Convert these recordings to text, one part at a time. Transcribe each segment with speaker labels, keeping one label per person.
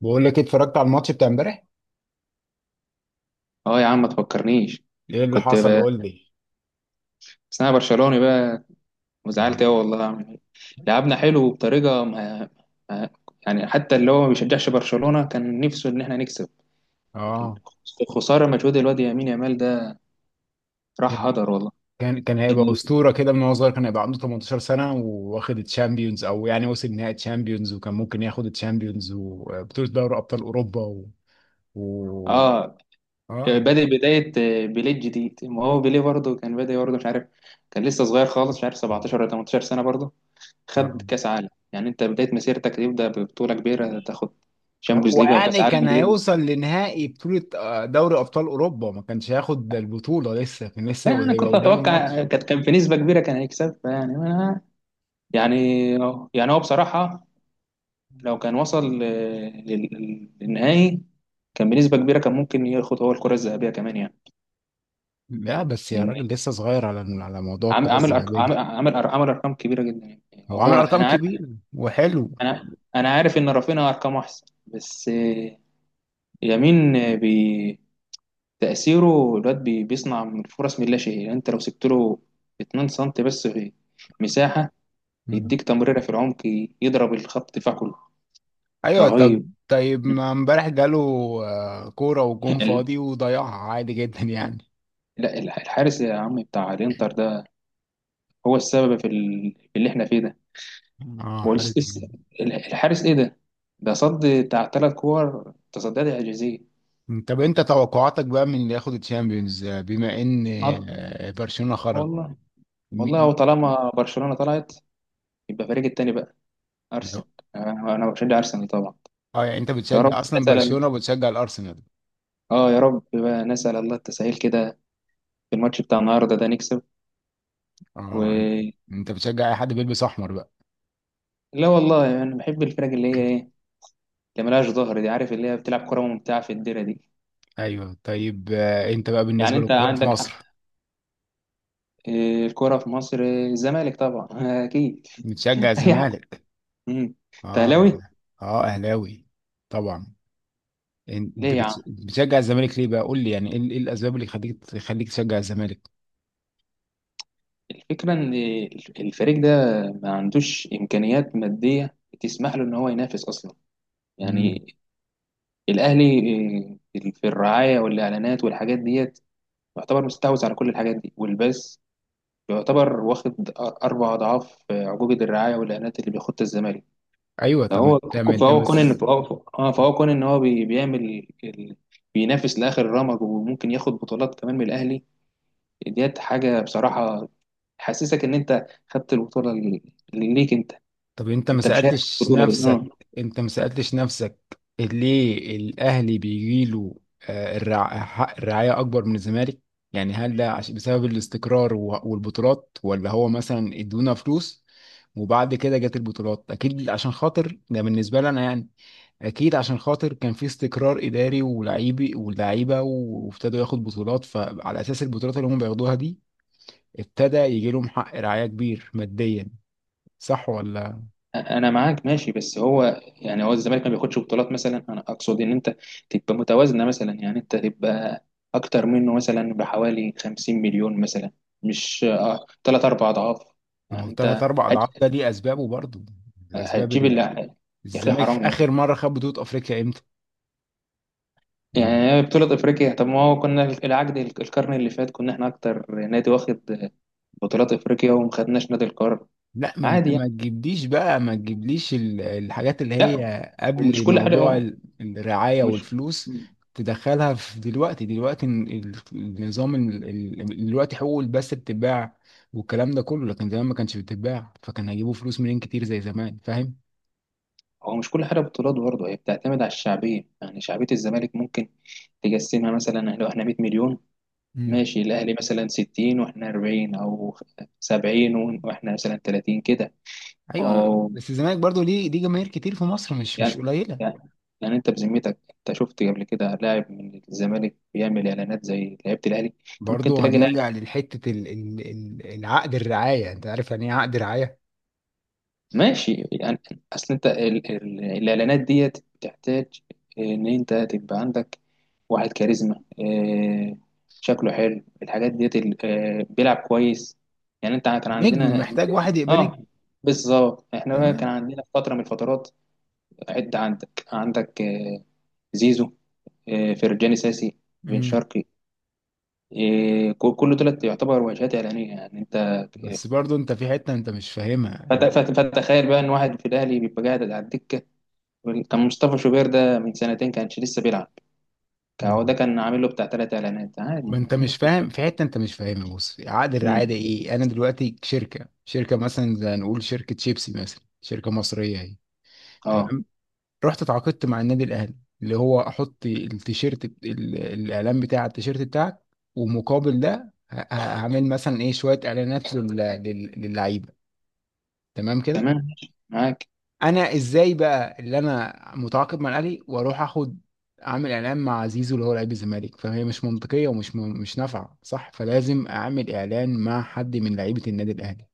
Speaker 1: بقول لك إيه؟ اتفرجت على الماتش بتاع امبارح.
Speaker 2: اه يا عم ما تفكرنيش.
Speaker 1: ايه اللي
Speaker 2: كنت
Speaker 1: حصل؟
Speaker 2: بقى
Speaker 1: قول لي.
Speaker 2: بس انا برشلوني بقى، وزعلت
Speaker 1: اه.
Speaker 2: قوي والله اعمل ايه. لعبنا حلو بطريقه ما... ما... يعني حتى اللي هو ما بيشجعش برشلونه كان نفسه ان احنا نكسب.
Speaker 1: اه.
Speaker 2: الخساره مجهود الواد يمين يامال ده راح
Speaker 1: كان
Speaker 2: هدر والله.
Speaker 1: كان هيبقى
Speaker 2: ال...
Speaker 1: اسطوره كده من وهو صغير، كان هيبقى عنده 18 سنه وواخد الشامبيونز، او يعني وصل نهائي الشامبيونز وكان ممكن ياخد الشامبيونز وبطوله دوري ابطال اوروبا و...
Speaker 2: اه
Speaker 1: اه.
Speaker 2: بادئ بدايه، بيليه الجديد، ما هو بيليه برضه كان بادئ برضه، مش عارف. كان لسه صغير خالص، مش عارف 17 ولا 18 سنه برضه.
Speaker 1: اه.
Speaker 2: خد كاس عالم، يعني انت بدايه مسيرتك تبدا ببطوله كبيره، تاخد
Speaker 1: لا،
Speaker 2: شامبيونز
Speaker 1: هو
Speaker 2: ليج او كاس
Speaker 1: يعني
Speaker 2: عالم
Speaker 1: كان
Speaker 2: دي.
Speaker 1: هيوصل لنهائي بطوله آه، دوري ابطال اوروبا. ما كانش هياخد البطوله لسه، كان
Speaker 2: لا،
Speaker 1: لسه
Speaker 2: انا
Speaker 1: هيبقى
Speaker 2: كنت
Speaker 1: قدامه ماتش.
Speaker 2: اتوقع كان في نسبه كبيره كان هيكسب، يعني أنا. يعني يعني هو بصراحه، لو كان وصل للنهائي، كان بنسبه كبيره كان ممكن ياخد هو الكره الذهبيه كمان يعني.
Speaker 1: لا بس يا
Speaker 2: لان
Speaker 1: راجل، لسه صغير على موضوع
Speaker 2: عم-
Speaker 1: الكره
Speaker 2: عامل أرق-
Speaker 1: الذهبيه.
Speaker 2: عم- عامل أر- عامل ارقام كبيره جدا يعني.
Speaker 1: هو عامل
Speaker 2: هو
Speaker 1: ارقام
Speaker 2: انا عارف،
Speaker 1: كبير وحلو.
Speaker 2: انا انا عارف ان رافينيا ارقامه احسن، بس يمين، تاثيره الواد، بيصنع من فرص من لا شيء. يعني انت لو سبت له 2 سم بس في مساحه،
Speaker 1: مم.
Speaker 2: يديك تمريرة في العمق، يضرب الخط دفاع كله.
Speaker 1: ايوه طب
Speaker 2: رهيب.
Speaker 1: طيب، ما امبارح جاله آه، كوره وجون
Speaker 2: ال-
Speaker 1: فاضي وضيعها عادي جدا يعني.
Speaker 2: لا، الحارس يا عم بتاع الانتر ده هو السبب في اللي احنا فيه ده.
Speaker 1: اه،
Speaker 2: هو
Speaker 1: حارس جامد.
Speaker 2: الحارس ايه ده؟ ده صد بتاع ثلاث كور، تصديات اعجازيه.
Speaker 1: طب انت توقعاتك بقى من اللي ياخد الشامبيونز آه، بما ان
Speaker 2: عط-
Speaker 1: آه، برشلونه خرج.
Speaker 2: والله والله،
Speaker 1: م-
Speaker 2: هو
Speaker 1: م-
Speaker 2: طالما برشلونة طلعت، يبقى فريق التاني بقى
Speaker 1: لو-
Speaker 2: ارسنال. انا بشجع ارسنال طبعا.
Speaker 1: اه، يعني انت
Speaker 2: يا رب
Speaker 1: بتشجع اصلا
Speaker 2: نسأل
Speaker 1: برشلونه وبتشجع الارسنال؟
Speaker 2: اه يا رب بقى نسأل الله التسهيل كده في الماتش بتاع النهارده ده، نكسب. و
Speaker 1: اه. انت بتشجع اي حد بيلبس احمر بقى؟
Speaker 2: لا والله، انا يعني بحب الفرق اللي هي ايه، اللي ملهاش ظهر دي، عارف، اللي هي بتلعب كرة ممتعة في الديرة دي.
Speaker 1: ايوه طيب آه، انت بقى
Speaker 2: يعني
Speaker 1: بالنسبه
Speaker 2: انت
Speaker 1: للكوره في
Speaker 2: عندك
Speaker 1: مصر،
Speaker 2: الكرة في مصر، الزمالك طبعا اكيد.
Speaker 1: بتشجع
Speaker 2: اي حد.
Speaker 1: الزمالك؟
Speaker 2: مم. أنت
Speaker 1: اه.
Speaker 2: اهلاوي؟
Speaker 1: اه، اهلاوي طبعا. انت
Speaker 2: ليه يا عم؟
Speaker 1: بتشجع الزمالك ليه بقى؟ قول لي يعني ايه، إيه الاسباب اللي تخليك تشجع الزمالك؟
Speaker 2: الفكرة ان الفريق ده ما عندوش امكانيات مادية تسمح له ان هو ينافس اصلا.
Speaker 1: امم.
Speaker 2: يعني الاهلي، في الرعاية والاعلانات والحاجات ديت، يعتبر مستحوذ على كل الحاجات دي، والبث يعتبر واخد أربع أضعاف عقوبة الرعاية والإعلانات اللي بياخدها الزمالك.
Speaker 1: ايوه طب، ما
Speaker 2: فهو
Speaker 1: انت ما انت
Speaker 2: فهو
Speaker 1: ما
Speaker 2: كون ان
Speaker 1: س-
Speaker 2: فهو كون ان هو بيعمل بينافس لاخر رمج، وممكن ياخد بطولات كمان من الاهلي. ديت حاجه بصراحه تحسسك ان انت خدت البطوله اللي ليك انت،
Speaker 1: طب انت ما
Speaker 2: انت مشارك في
Speaker 1: سالتش
Speaker 2: البطوله دي،
Speaker 1: نفسك،
Speaker 2: اه.
Speaker 1: انت ما سالتش نفسك ليه الاهلي بيجي له حق الرعايه اكبر من الزمالك؟ يعني هل ده بسبب الاستقرار والبطولات، ولا هو مثلا ادونا فلوس وبعد كده جت البطولات؟ اكيد عشان خاطر ده بالنسبه لي انا يعني. اكيد عشان خاطر كان في استقرار اداري ولاعيبي ولاعيبه وابتدوا ياخد بطولات، فعلى اساس البطولات اللي هم بياخدوها دي ابتدى يجي لهم حق رعايه كبير ماديا. صح ولا؟
Speaker 2: انا معاك ماشي، بس هو الزمالك ما بياخدش بطولات مثلا. انا اقصد ان انت تبقى متوازنه مثلا، يعني انت تبقى اكتر منه مثلا بحوالي 50 مليون مثلا، مش 3 4 اضعاف.
Speaker 1: ما هو
Speaker 2: يعني
Speaker 1: ثلاث
Speaker 2: انت
Speaker 1: اربع اضعاف ده ليه اسبابه برضه. الاسباب
Speaker 2: هتجيب
Speaker 1: ال-
Speaker 2: اللي. يا اخي
Speaker 1: الزمالك
Speaker 2: حرام يا اخي،
Speaker 1: اخر مره خد بطوله افريقيا امتى؟
Speaker 2: يعني بطولة افريقيا؟ طب ما هو كنا العقد القرن اللي فات، كنا احنا اكتر نادي واخد بطولات افريقيا وما خدناش نادي القرن.
Speaker 1: لا ما انت،
Speaker 2: عادي
Speaker 1: ما
Speaker 2: يعني.
Speaker 1: تجيبليش بقى، ما تجيبليش الحاجات اللي
Speaker 2: لا،
Speaker 1: هي
Speaker 2: ومش
Speaker 1: قبل
Speaker 2: كل حاجة
Speaker 1: موضوع
Speaker 2: هو.
Speaker 1: الرعاية
Speaker 2: ومش
Speaker 1: والفلوس. تدخلها في دلوقتي، دلوقتي النظام دلوقتي حقوق البث بتتباع والكلام ده كله، لكن زمان ما كانش بتتباع، فكان هيجيبوا فلوس منين كتير زي زمان؟ فاهم.
Speaker 2: هو مش كل حاجة بطولات، برضه هي بتعتمد على الشعبية. يعني شعبية الزمالك ممكن تقسمها مثلا، لو احنا 100 مليون
Speaker 1: امم.
Speaker 2: ماشي، الأهلي مثلا 60 واحنا 40، أو 70 واحنا مثلا 30 كده.
Speaker 1: ايوه. بس الزمالك برضو ليه جماهير كتير في مصر، مش
Speaker 2: يعني
Speaker 1: قليلة.
Speaker 2: يعني يعني انت بذمتك، انت شفت قبل كده لاعب من الزمالك بيعمل اعلانات زي لعيبه الاهلي؟ انت ممكن
Speaker 1: برضو
Speaker 2: تلاقي لاعب؟
Speaker 1: هنرجع لحتة العقد، الرعاية. انت عارف يعني ايه عقد رعاية؟
Speaker 2: ماشي يعني. اصل انت الاعلانات ديت بتحتاج ان انت تبقى عندك واحد كاريزما، شكله حلو الحاجات ديت، بيلعب كويس. يعني انت كان
Speaker 1: نجم،
Speaker 2: عندنا.
Speaker 1: محتاج واحد يبقى نجم.
Speaker 2: اه بالظبط، احنا بقى كان
Speaker 1: تمام.
Speaker 2: عندنا في فتره من الفترات. عندك زيزو، فرجاني ساسي، بن شرقي، كله تلات يعتبر واجهات إعلانية، يعني أنت.
Speaker 1: بس
Speaker 2: إيه،
Speaker 1: برضو انت في حتة انت مش فاهمها.
Speaker 2: فتخيل بقى إن واحد في الأهلي بيبقى قاعد على الدكة. كان مصطفى شوبير ده من سنتين كانش لسه بيلعب. هو
Speaker 1: مم.
Speaker 2: ده كان عامل له بتاع تلات إعلانات عادي،
Speaker 1: ما انت
Speaker 2: يعني هي
Speaker 1: مش
Speaker 2: بتبقى.
Speaker 1: فاهم في حتة انت مش فاهمها. بص، عقد الرعاية
Speaker 2: مم.
Speaker 1: ايه؟ انا دلوقتي شركة، مثلا زي نقول شركة شيبسي مثلا، شركة مصرية اهي.
Speaker 2: أه
Speaker 1: تمام. رحت اتعاقدت مع النادي الاهلي، اللي هو احط التيشيرت، الاعلان بتاع التيشيرت بتاعك. ومقابل ده هعمل مثلا ايه، شوية اعلانات للعيبة. تمام كده.
Speaker 2: تمام ماشي، معاك.
Speaker 1: انا ازاي بقى اللي انا متعاقد مع الاهلي واروح اخد، اعمل اعلان مع زيزو اللي هو لعيب الزمالك؟ فهي مش منطقيه ومش مش نافعه، صح؟ فلازم اعمل اعلان مع حد من لعيبه النادي الاهلي.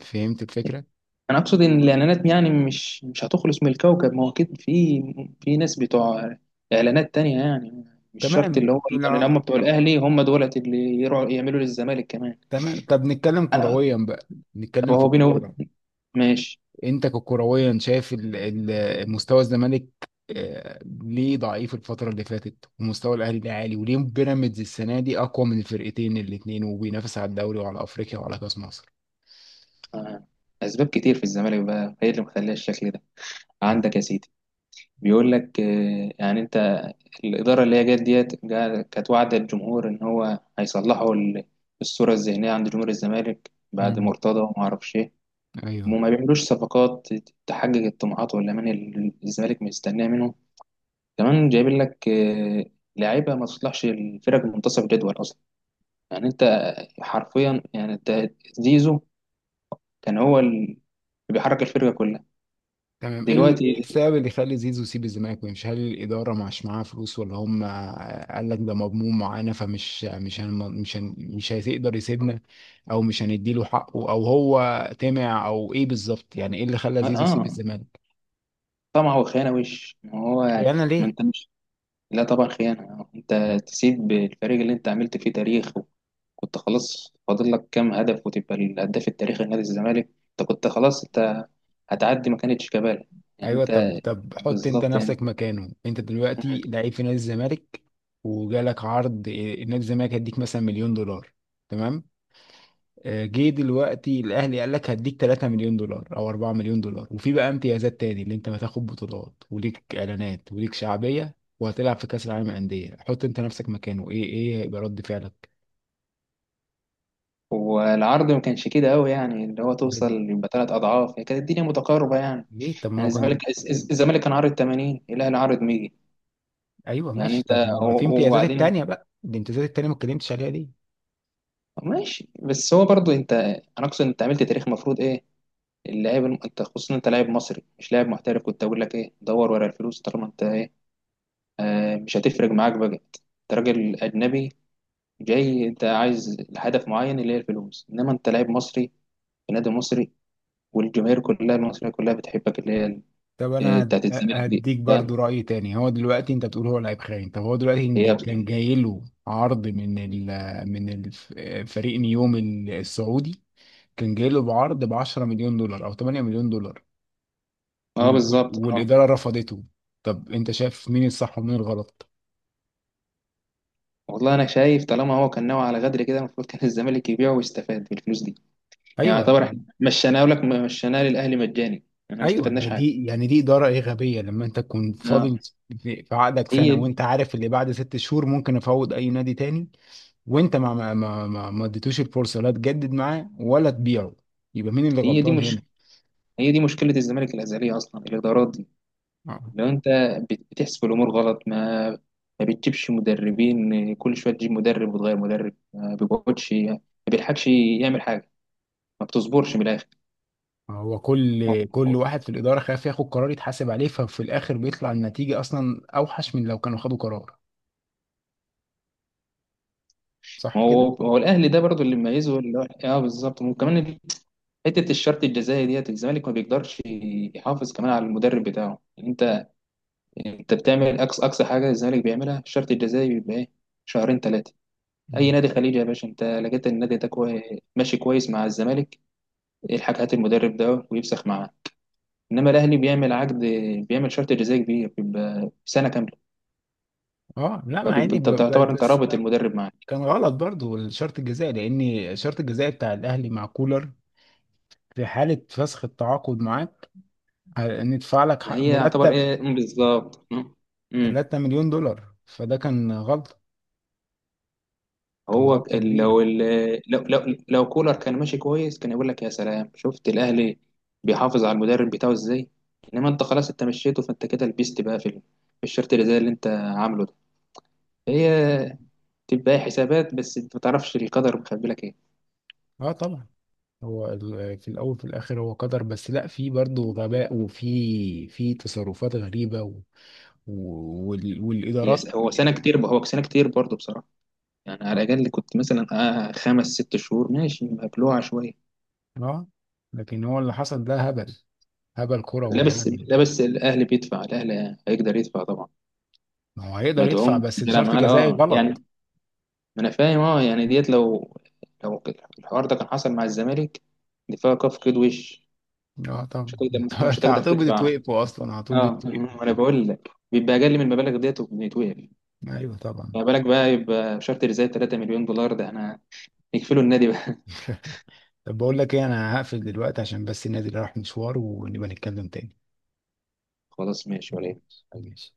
Speaker 1: فهمت الفكره؟
Speaker 2: أنا أقصد إن الإعلانات يعني مش هتخلص من الكوكب. ما هو أكيد في ناس بتوع إعلانات تانية، يعني مش شرط
Speaker 1: تمام
Speaker 2: اللي هو اللي كانوا هم
Speaker 1: طلع-
Speaker 2: بتوع الأهلي هم دولت اللي يروحوا يعملوا للزمالك كمان.
Speaker 1: تمام طب نتكلم
Speaker 2: أنا-
Speaker 1: كرويا بقى،
Speaker 2: طب
Speaker 1: نتكلم في
Speaker 2: هو بينه
Speaker 1: الكوره.
Speaker 2: ماشي.
Speaker 1: انت ككرويا شايف مستوى الزمالك آه، ليه ضعيف الفترة اللي فاتت، ومستوى الأهلي ليه عالي، وليه بيراميدز السنة دي أقوى من الفرقتين الاتنين وبينافس على الدوري وعلى أفريقيا وعلى كأس مصر؟
Speaker 2: آه. أسباب كتير في الزمالك بقى هي اللي مخليها الشكل ده. عندك يا سيدي بيقول لك، يعني أنت، الإدارة اللي هي جت ديت، كانت واعدة الجمهور إن هو هيصلحوا الصورة الذهنية عند جمهور الزمالك بعد
Speaker 1: امم.
Speaker 2: مرتضى وما أعرفش إيه،
Speaker 1: ايوه.
Speaker 2: وما بيعملوش صفقات تحقق الطموحات والأمان اللي الزمالك مستناه منهم. كمان جايبين لك لعيبة ما تصلحش الفرق منتصف الجدول أصلا، يعني أنت حرفيا، يعني أنت، زيزو كان هو اللي بيحرك الفرقة كلها.
Speaker 1: تمام. ايه ايه
Speaker 2: دلوقتي
Speaker 1: السبب اللي يخلي زيزو يسيب الزمالك ويمشي؟ هل الاداره مش معاها فلوس، ولا هم قال لك ده مضمون معانا فمش مش هن مش هن مش هيقدر يسيبنا؟ او مش هنديله حقه، او هو طمع، او ايه بالظبط يعني ايه اللي خلى زيزو يسيب
Speaker 2: اه،
Speaker 1: الزمالك؟
Speaker 2: طمع وخيانه وش، ما هو يعني
Speaker 1: خيانة
Speaker 2: ما
Speaker 1: ليه؟
Speaker 2: انت مش. لا طبعا خيانه، انت تسيب الفريق اللي انت عملت فيه تاريخ، وكنت خلاص فاضل لك كام هدف وتبقى الهداف التاريخي لنادي الزمالك. انت كنت خلاص انت هتعدي، ما كانتش كبالة، يعني
Speaker 1: ايوه
Speaker 2: انت.
Speaker 1: طب حط انت
Speaker 2: بالظبط يعني.
Speaker 1: نفسك مكانه. انت دلوقتي لعيب في نادي الزمالك، وجالك عرض إيه، نادي الزمالك هيديك مثلا مليون دولار، تمام، آه، جه دلوقتي الاهلي قال لك هديك 3 مليون دولار او 4 مليون دولار، وفي بقى امتيازات تاني اللي انت هتاخد بطولات وليك اعلانات وليك شعبيه وهتلعب في كاس العالم للانديه. حط انت نفسك مكانه، ايه، ايه هيبقى رد فعلك؟
Speaker 2: والعرض ما كانش كده قوي، يعني اللي هو توصل
Speaker 1: ب-
Speaker 2: يبقى ثلاث اضعاف، هي كانت الدنيا متقاربه يعني
Speaker 1: ليه؟ طب ما
Speaker 2: يعني
Speaker 1: هو
Speaker 2: الزمالك
Speaker 1: كان.
Speaker 2: الزمالك كان عارض 80، الاهلي عارض 100.
Speaker 1: ايوه
Speaker 2: يعني
Speaker 1: ماشي.
Speaker 2: انت
Speaker 1: طب ما في امتيازات
Speaker 2: وبعدين
Speaker 1: التانيه بقى، الامتيازات التانيه ما اتكلمتش عليها دي.
Speaker 2: ماشي، بس هو برضو انت، انا اقصد انت عملت تاريخ. المفروض ايه اللاعب، انت خصوصا انت لاعب مصري مش لاعب محترف، كنت اقول لك ايه دور ورا الفلوس طالما انت ايه، مش هتفرق معاك بقى. انت راجل اجنبي جاي، انت عايز هدف معين اللي هي الفلوس، انما انت لاعب مصري في نادي مصري، والجماهير كلها المصريه كلها بتحبك، اللي هي
Speaker 1: طب انا
Speaker 2: بتاعت الزمالك دي،
Speaker 1: هديك برضو
Speaker 2: فاهم؟
Speaker 1: راي تاني. هو دلوقتي انت بتقول هو لعيب خاين. طب هو دلوقتي
Speaker 2: هي،
Speaker 1: كان جاي له عرض من من آه، فريق نيوم السعودي، كان جاي له بعرض ب 10 مليون دولار او 8 مليون دولار،
Speaker 2: اه بالظبط، اه.
Speaker 1: والاداره رفضته. طب انت شايف مين الصح ومين الغلط؟
Speaker 2: والله انا شايف طالما هو كان ناوي على غدر كده، المفروض كان الزمالك يبيعه ويستفاد بالفلوس دي. يعني
Speaker 1: ايوه.
Speaker 2: يعتبر احنا مشيناه للاهلي مجاني يعني، احنا ما
Speaker 1: ايوه
Speaker 2: استفدناش
Speaker 1: يعني
Speaker 2: حاجه.
Speaker 1: دي، اداره ايه، غبيه. لما انت تكون
Speaker 2: آه،
Speaker 1: فاضل في عقدك سنه،
Speaker 2: هي
Speaker 1: وانت عارف اللي بعد 6 شهور ممكن افوض اي نادي تاني، وانت ما اديتوش الفرصه، لا تجدد معاه ولا تبيعه، يبقى مين اللي
Speaker 2: هي دي
Speaker 1: غلطان هنا؟
Speaker 2: مش هي دي مشكله الزمالك الازليه اصلا، الادارات دي.
Speaker 1: آه.
Speaker 2: لو انت بتحسب الامور غلط، ما بتجيبش مدربين، كل شويه تجيب مدرب وتغير مدرب، ما بيقعدش ما بيلحقش يعمل حاجه، ما بتصبرش من الاخر.
Speaker 1: هو كل واحد في الاداره خايف ياخد قرار يتحاسب عليه، ففي الاخر بيطلع النتيجه اصلا اوحش من لو كانوا خدوا قرار. صح.
Speaker 2: ما هو الاهلي ده برضو اللي مميزه اللي هو اه بالظبط، وكمان حته الشرط الجزائي ديت الزمالك ما بيقدرش يحافظ كمان على المدرب بتاعه. انت يعني انت بتعمل اقصى حاجه الزمالك بيعملها في الشرط الجزائي بيبقى ايه، شهرين ثلاثه. اي
Speaker 1: مم.
Speaker 2: نادي خليجي يا باشا انت لقيت إن النادي ده ماشي كويس مع الزمالك، الحاج هات المدرب ده ويفسخ معاه. انما الاهلي بيعمل عقد، بيعمل شرط جزائي كبير بيبقى سنه كامله،
Speaker 1: اه لا، ما
Speaker 2: فبيبقى
Speaker 1: عادي
Speaker 2: انت بتعتبر انت
Speaker 1: بس
Speaker 2: رابط المدرب معاك.
Speaker 1: كان غلط برضو الشرط الجزائي، لان الشرط الجزائي بتاع الاهلي مع كولر في حاله فسخ التعاقد معاه ندفع لك
Speaker 2: ما
Speaker 1: حق
Speaker 2: هي يعتبر
Speaker 1: مرتب
Speaker 2: ايه بالظبط. امم.
Speaker 1: 3 مليون دولار، فده كان غلطه، كان
Speaker 2: هو
Speaker 1: غلطه كبيره.
Speaker 2: لو كولر كان ماشي كويس، كان يقول لك يا سلام شفت الاهلي بيحافظ على المدرب بتاعه ازاي. انما انت خلاص انت مشيته، فانت كده لبست بقى في الشرط اللي زي اللي انت عامله ده. هي تبقى حسابات، بس انت ما تعرفش القدر مخبي لك ايه.
Speaker 1: اه طبعا. هو في الاول في الاخر هو قدر، بس لا، في برضو غباء وفي تصرفات غريبه و والادارات
Speaker 2: هو سنه كتير، هو سنه كتير برضه بصراحه، يعني
Speaker 1: اه.
Speaker 2: على الاقل كنت مثلا خمس ست شهور ماشي مبلوعه شويه.
Speaker 1: آه، لكن هو اللي حصل ده هبل، هبل
Speaker 2: لا
Speaker 1: كروي
Speaker 2: بس
Speaker 1: يعني.
Speaker 2: لا بس الاهلي هيقدر يدفع طبعا،
Speaker 1: ما هو هيقدر يدفع،
Speaker 2: مدعوم
Speaker 1: بس
Speaker 2: بيلعب
Speaker 1: شرط
Speaker 2: معاه
Speaker 1: جزائي
Speaker 2: اه
Speaker 1: غلط.
Speaker 2: يعني. ما انا فاهم اه، يعني ديت لو الحوار ده كان حصل مع الزمالك، دي فيها كف كده وش.
Speaker 1: اه طبعا
Speaker 2: مش هتقدر. مش مش
Speaker 1: انت على
Speaker 2: هتقدر
Speaker 1: طول
Speaker 2: تدفع.
Speaker 1: بتتوقفوا اصلا على طول
Speaker 2: اه
Speaker 1: بتتوقفوا.
Speaker 2: ما انا بقول لك بيبقى اقل من المبالغ ديت وبيتوقف.
Speaker 1: ايوه طبعا.
Speaker 2: ما بالك بقى يبقى شارتر زي 3 مليون دولار، ده احنا نكفله النادي بقى.
Speaker 1: طب بقول لك ايه، انا هقفل دلوقتي عشان بس النادي راح مشوار ونبقى نتكلم تاني.
Speaker 2: خلاص ماشي ولا يهمك.
Speaker 1: ماشي.